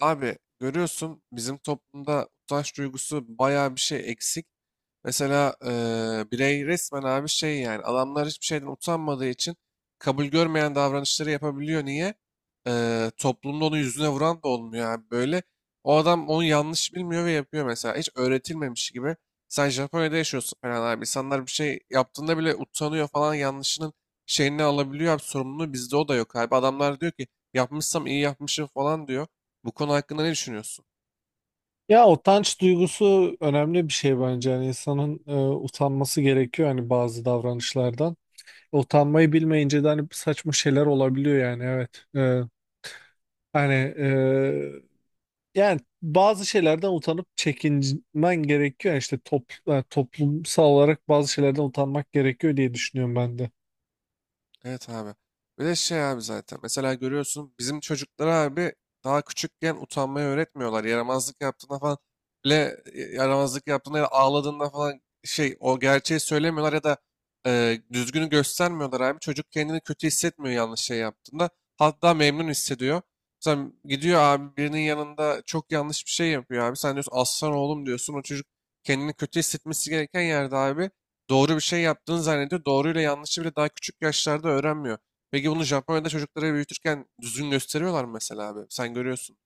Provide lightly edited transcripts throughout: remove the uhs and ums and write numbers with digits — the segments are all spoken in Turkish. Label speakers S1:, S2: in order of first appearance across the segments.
S1: Abi görüyorsun bizim toplumda utanç duygusu bayağı bir şey eksik. Mesela birey resmen abi şey yani adamlar hiçbir şeyden utanmadığı için kabul görmeyen davranışları yapabiliyor. Niye? Toplumda onu yüzüne vuran da olmuyor abi böyle. O adam onu yanlış bilmiyor ve yapıyor mesela. Hiç öğretilmemiş gibi. Sen Japonya'da yaşıyorsun falan abi. İnsanlar bir şey yaptığında bile utanıyor falan yanlışının şeyini alabiliyor abi. Sorumluluğu bizde o da yok abi. Adamlar diyor ki yapmışsam iyi yapmışım falan diyor. Bu konu hakkında ne düşünüyorsun?
S2: Ya utanç duygusu önemli bir şey bence. Yani insanın utanması gerekiyor hani bazı davranışlardan. Utanmayı bilmeyince de hani saçma şeyler olabiliyor yani evet. Hani e, Yani bazı şeylerden utanıp çekinmen gerekiyor. Yani yani toplumsal olarak bazı şeylerden utanmak gerekiyor diye düşünüyorum ben de.
S1: Evet abi. Bir de şey abi zaten. Mesela görüyorsun bizim çocuklara abi daha küçükken utanmayı öğretmiyorlar. Yaramazlık yaptığında falan bile yaramazlık yaptığında ya da ağladığında falan şey o gerçeği söylemiyorlar ya da düzgünü göstermiyorlar abi. Çocuk kendini kötü hissetmiyor yanlış şey yaptığında. Hatta memnun hissediyor. Mesela gidiyor abi birinin yanında çok yanlış bir şey yapıyor abi. Sen diyorsun aslan oğlum diyorsun. O çocuk kendini kötü hissetmesi gereken yerde abi doğru bir şey yaptığını zannediyor. Doğruyla yanlışı bile daha küçük yaşlarda öğrenmiyor. Peki bunu Japonya'da çocuklara büyütürken düzgün gösteriyorlar mı mesela abi? Sen görüyorsun.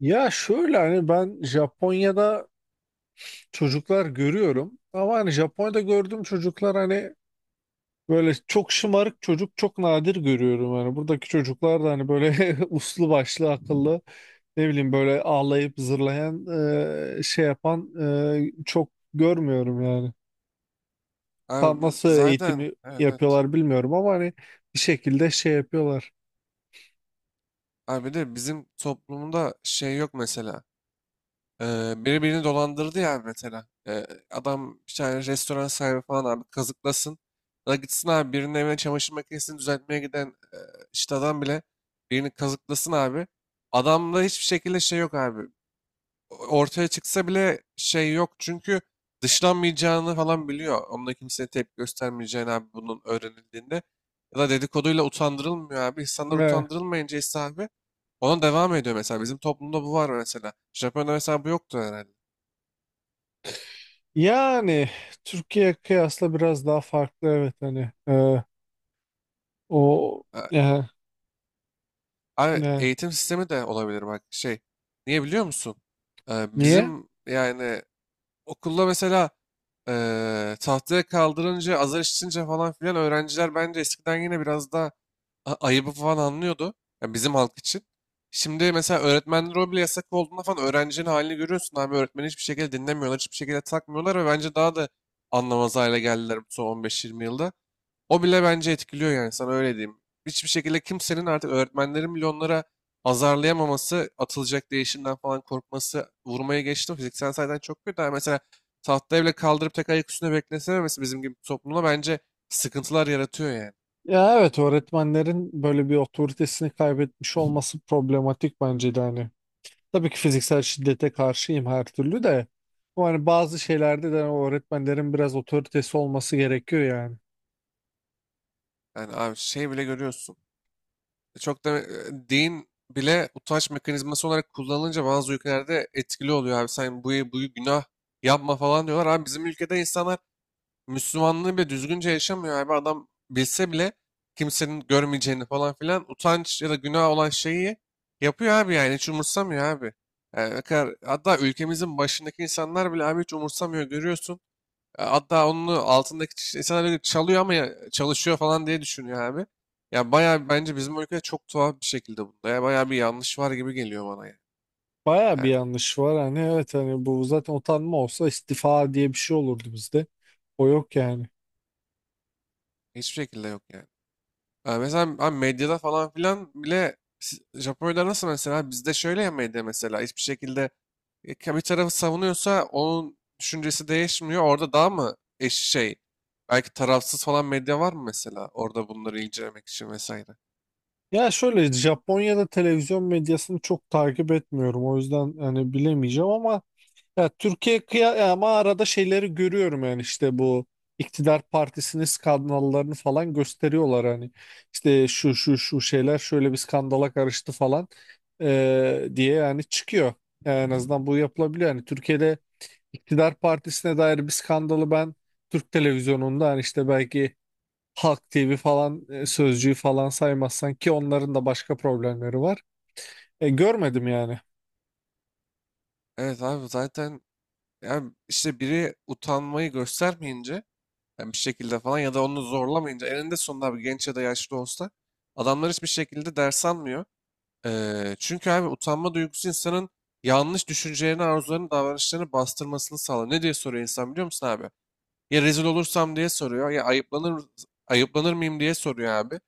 S2: Ya şöyle hani ben Japonya'da çocuklar görüyorum ama hani Japonya'da gördüğüm çocuklar hani böyle çok şımarık çocuk çok nadir görüyorum, hani buradaki çocuklar da hani böyle uslu başlı akıllı, ne bileyim, böyle ağlayıp zırlayan şey yapan çok görmüyorum yani. Tam
S1: Abi
S2: nasıl
S1: zaten,
S2: eğitimi
S1: evet evet.
S2: yapıyorlar bilmiyorum ama hani bir şekilde şey yapıyorlar.
S1: Abi bir de bizim toplumda şey yok mesela. Biri birini dolandırdı ya abi mesela. Adam bir tane restoran sahibi falan abi kazıklasın. Ya da gitsin abi birinin evine çamaşır makinesini düzeltmeye giden e, işte adam bile birini kazıklasın abi. Adamda hiçbir şekilde şey yok abi. Ortaya çıksa bile şey yok. Çünkü dışlanmayacağını falan biliyor. Onunla kimseye tepki göstermeyeceğini abi bunun öğrenildiğinde. Ya da dedikoduyla utandırılmıyor abi. İnsanlar
S2: Ve
S1: utandırılmayınca ise abi ona devam ediyor mesela. Bizim toplumda bu var mesela. Japonya'da mesela bu yoktu herhalde.
S2: yani Türkiye kıyasla biraz daha farklı evet hani o
S1: A-
S2: e,
S1: Abi
S2: e,
S1: eğitim sistemi de olabilir bak şey. Niye biliyor musun?
S2: niye?
S1: Bizim yani okulda mesela tahtaya kaldırınca azar işitince falan filan öğrenciler bence eskiden yine biraz daha ayıbı falan anlıyordu. Yani bizim halk için. Şimdi mesela öğretmenler o bile yasak olduğunda falan öğrencinin halini görüyorsun abi. Öğretmeni hiçbir şekilde dinlemiyorlar, hiçbir şekilde takmıyorlar ve bence daha da anlamaz hale geldiler bu son 15-20 yılda. O bile bence etkiliyor yani sana öyle diyeyim. Hiçbir şekilde kimsenin artık öğretmenlerin bile onlara azarlayamaması, atılacak değişimden falan korkması, vurmaya geçtim. Fiziksel sayıdan çok kötü. Yani mesela tahtaya bile kaldırıp tek ayak üstüne beklesememesi bizim gibi bir toplumda bence sıkıntılar yaratıyor yani.
S2: Ya evet, öğretmenlerin böyle bir otoritesini kaybetmiş olması problematik bence de hani. Tabii ki fiziksel şiddete karşıyım her türlü de. Ama hani bazı şeylerde de öğretmenlerin biraz otoritesi olması gerekiyor yani.
S1: Yani abi şey bile görüyorsun. Çok da din bile utanç mekanizması olarak kullanılınca bazı ülkelerde etkili oluyor abi. Sen bu, bu günah yapma falan diyorlar. Abi bizim ülkede insanlar Müslümanlığı bile düzgünce yaşamıyor abi. Adam bilse bile kimsenin görmeyeceğini falan filan utanç ya da günah olan şeyi yapıyor abi yani hiç umursamıyor abi. Yani ne kadar, hatta ülkemizin başındaki insanlar bile abi hiç umursamıyor görüyorsun. Hatta onun altındaki insanlar öyle çalıyor ama çalışıyor falan diye düşünüyor abi. Ya bayağı bence bizim ülkede çok tuhaf bir şekilde bunda. Ya bayağı bir yanlış var gibi geliyor bana ya.
S2: Baya bir
S1: Yani
S2: yanlış var hani, evet hani, bu zaten utanma olsa istifa diye bir şey olurdu bizde. O yok yani.
S1: hiçbir şekilde yok yani. Ya mesela abi medyada falan filan bile Japonya'da nasıl mesela bizde şöyle ya medya mesela hiçbir şekilde bir tarafı savunuyorsa onun düşüncesi değişmiyor. Orada daha mı eş şey belki tarafsız falan medya var mı mesela orada bunları incelemek için vesaire.
S2: Ya şöyle, Japonya'da televizyon medyasını çok takip etmiyorum, o yüzden hani bilemeyeceğim ama ya Türkiye kıya, ama arada şeyleri görüyorum yani işte bu iktidar partisinin skandallarını falan gösteriyorlar hani, işte şu şu şu şeyler şöyle bir skandala karıştı falan diye yani çıkıyor. Yani en azından bu yapılabiliyor. Yani Türkiye'de iktidar partisine dair bir skandalı ben Türk televizyonunda, hani işte belki Halk TV falan, Sözcü'yü falan saymazsan, ki onların da başka problemleri var, görmedim yani.
S1: Evet abi zaten yani işte biri utanmayı göstermeyince yani bir şekilde falan ya da onu zorlamayınca eninde sonunda abi genç ya da yaşlı olsa adamlar hiçbir şekilde ders almıyor. Çünkü abi utanma duygusu insanın yanlış düşüncelerini, arzularını, davranışlarını bastırmasını sağlar. Ne diye soruyor insan biliyor musun abi? Ya rezil olursam diye soruyor ya ayıplanır mıyım diye soruyor abi.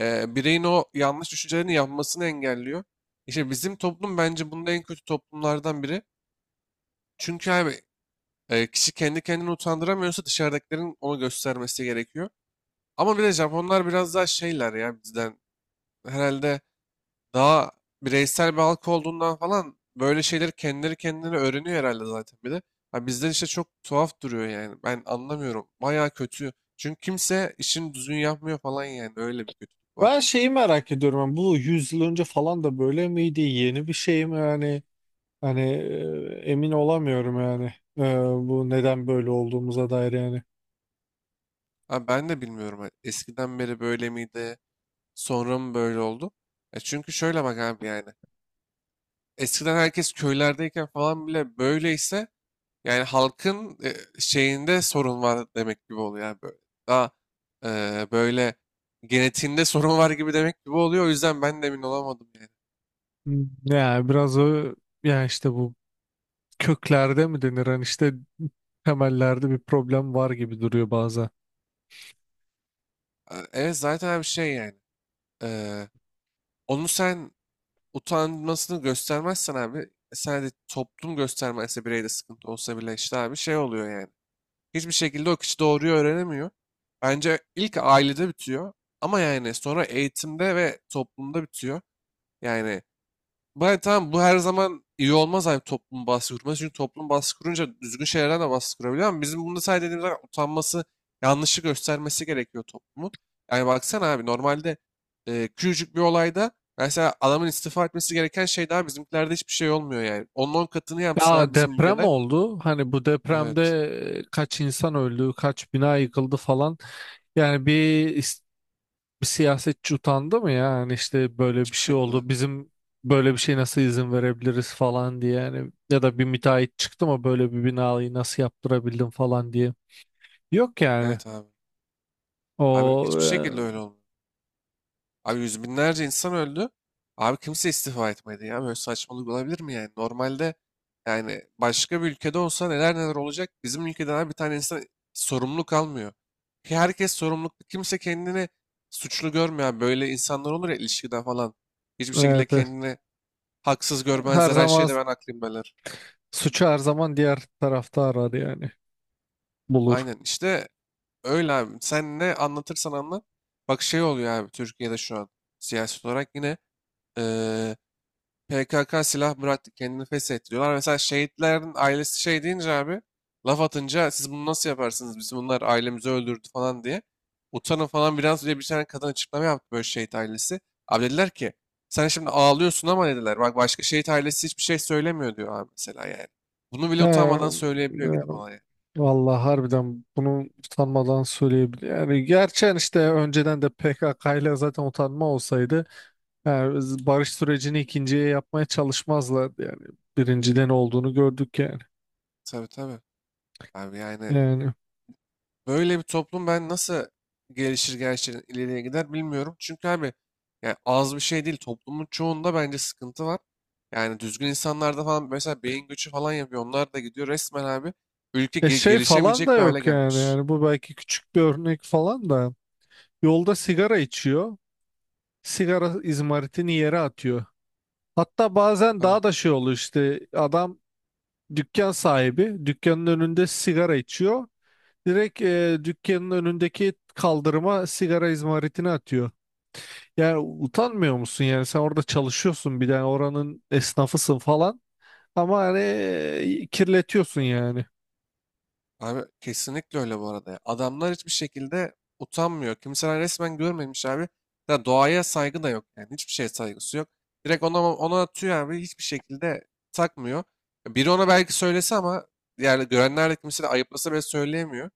S1: Bireyin o yanlış düşüncelerini yapmasını engelliyor. İşte bizim toplum bence bunda en kötü toplumlardan biri. Çünkü abi kişi kendi kendini utandıramıyorsa dışarıdakilerin onu göstermesi gerekiyor. Ama bir de Japonlar biraz daha şeyler ya bizden. Herhalde daha bireysel bir halk olduğundan falan böyle şeyleri kendileri kendine öğreniyor herhalde zaten bir de. Ha bizden işte çok tuhaf duruyor yani. Ben anlamıyorum. Bayağı kötü. Çünkü kimse işini düzgün yapmıyor falan yani. Öyle bir kötülük var.
S2: Ben şeyi merak ediyorum, yani bu 100 yıl önce falan da böyle miydi? Yeni bir şey mi yani? Hani Emin olamıyorum yani. E, Bu neden böyle olduğumuza dair yani.
S1: Ha ben de bilmiyorum. Ha, Eskiden beri böyle miydi? Sonra mı böyle oldu? E çünkü şöyle bak abi yani. Eskiden herkes köylerdeyken falan bile böyleyse yani halkın şeyinde sorun var demek gibi oluyor yani böyle. Daha böyle genetiğinde sorun var gibi demek gibi oluyor. O yüzden ben de emin olamadım yani.
S2: Hmm, yani biraz o, yani işte bu köklerde mi denir, hani işte temellerde bir problem var gibi duruyor bazen.
S1: Evet zaten abi şey yani. e, Onu sen utanmasını göstermezsen abi sadece toplum göstermezse bireyde sıkıntı olsa bile işte abi şey oluyor yani. Hiçbir şekilde o kişi doğruyu öğrenemiyor. Bence ilk ailede bitiyor ama yani sonra eğitimde ve toplumda bitiyor. Yani bay tamam bu her zaman iyi olmaz hani toplum baskı kurması. Çünkü toplum baskı kurunca düzgün şeylerden de baskı kurabiliyor ama bizim bunu sadece dediğimiz zaman utanması, yanlışı göstermesi gerekiyor toplumun. Yani baksana abi normalde küçücük bir olayda mesela adamın istifa etmesi gereken şey daha bizimkilerde hiçbir şey olmuyor yani. Onun on katını yapsın
S2: Ya
S1: abi bizim
S2: deprem
S1: ülkede.
S2: oldu. Hani bu depremde
S1: Evet.
S2: kaç insan öldü, kaç bina yıkıldı falan. Yani bir siyasetçi utandı mı ya? Yani işte böyle bir
S1: Hiçbir
S2: şey
S1: şekilde.
S2: oldu. Bizim böyle bir şey nasıl izin verebiliriz falan diye. Yani ya da bir müteahhit çıktı mı böyle bir binayı nasıl yaptırabildin falan diye. Yok yani.
S1: Evet abi.
S2: O
S1: Abi hiçbir şekilde öyle
S2: e,
S1: olmuyor. Abi yüz binlerce insan öldü. Abi kimse istifa etmedi ya. Böyle saçmalık olabilir mi yani? Normalde yani başka bir ülkede olsa neler neler olacak. Bizim ülkeden abi bir tane insan sorumlu kalmıyor. Ki herkes sorumluluk. Kimse kendini suçlu görmüyor abi. Böyle insanlar olur ya ilişkide falan. Hiçbir şekilde
S2: evet, evet.
S1: kendini haksız
S2: Her
S1: görmezler. Her
S2: zaman,
S1: şeyde ben haklıyım derler.
S2: suçu her zaman diğer tarafta arar yani. Bulur.
S1: Aynen işte öyle abi. Sen ne anlatırsan anlat. Bak şey oluyor abi Türkiye'de şu an siyaset olarak yine eee PKK silah bıraktı, kendini feshettiriyorlar. Mesela şehitlerin ailesi şey deyince abi, laf atınca siz bunu nasıl yaparsınız? Bizim bunlar ailemizi öldürdü falan diye. Utanın falan biraz diye bir tane kadın açıklama yaptı böyle şehit ailesi. Abi dediler ki, sen şimdi ağlıyorsun ama dediler. Bak başka şehit ailesi hiçbir şey söylemiyor diyor abi mesela yani. Bunu
S2: He,
S1: bile utanmadan söyleyebiliyor gidip olaya.
S2: vallahi harbiden bunu utanmadan söyleyebilir. Yani gerçekten işte önceden de PKK ile zaten utanma olsaydı yani biz barış sürecini ikinciye yapmaya çalışmazlardı yani. Birinciden olduğunu gördük yani.
S1: Tabii tabii. Abi yani
S2: Yani
S1: böyle bir toplum ben nasıl gelişir gerçekten ileriye gider bilmiyorum. Çünkü abi yani az bir şey değil. Toplumun çoğunda bence sıkıntı var. Yani düzgün insanlarda falan mesela beyin göçü falan yapıyor. Onlar da gidiyor resmen abi. Ülke
S2: şey falan
S1: gelişemeyecek
S2: da
S1: bir hale
S2: yok yani.
S1: gelmiş.
S2: Yani bu belki küçük bir örnek falan da. Yolda sigara içiyor. Sigara izmaritini yere atıyor. Hatta bazen
S1: Tabii.
S2: daha da şey oluyor, işte adam dükkan sahibi, dükkanın önünde sigara içiyor. Direkt dükkanın önündeki kaldırıma sigara izmaritini atıyor. Yani utanmıyor musun yani, sen orada çalışıyorsun bir de, yani oranın esnafısın falan ama hani kirletiyorsun yani.
S1: Abi kesinlikle öyle bu arada ya. Adamlar hiçbir şekilde utanmıyor. Kimseler resmen görmemiş abi. Ya doğaya saygı da yok yani. Hiçbir şeye saygısı yok. Direkt ona atıyor abi. Hiçbir şekilde takmıyor. Biri ona belki söylese ama yani görenler de kimse de ayıplasa bile söyleyemiyor.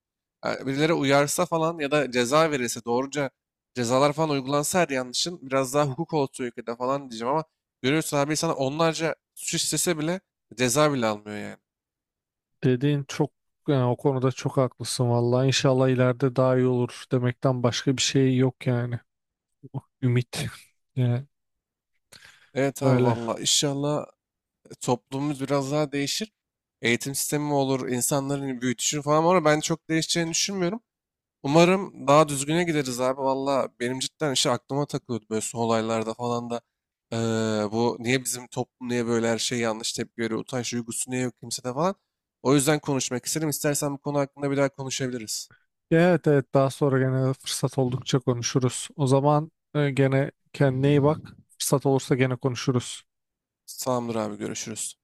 S1: Yani birileri uyarsa falan ya da ceza verirse doğruca cezalar falan uygulansa her yanlışın biraz daha hukuk olsun ülkede falan diyeceğim ama görüyorsun abi sana onlarca suç istese bile ceza bile almıyor yani.
S2: Dediğin çok, yani o konuda çok haklısın vallahi. İnşallah ileride daha iyi olur demekten başka bir şey yok yani. Ümit. Yani
S1: Evet abi
S2: öyle.
S1: valla inşallah toplumumuz biraz daha değişir. Eğitim sistemi mi olur, insanların büyütüşü falan var ama ben çok değişeceğini düşünmüyorum. Umarım daha düzgüne gideriz abi. Valla benim cidden işte aklıma takılıyordu böyle son olaylarda falan da. eee, Bu niye bizim toplum niye böyle her şey yanlış tepki veriyor, utanç duygusu niye yok kimsede falan. O yüzden konuşmak istedim. İstersen bu konu hakkında bir daha konuşabiliriz.
S2: Evet evet, daha sonra gene fırsat oldukça konuşuruz. O zaman gene kendine iyi bak. Fırsat olursa gene konuşuruz.
S1: Tamamdır abi görüşürüz.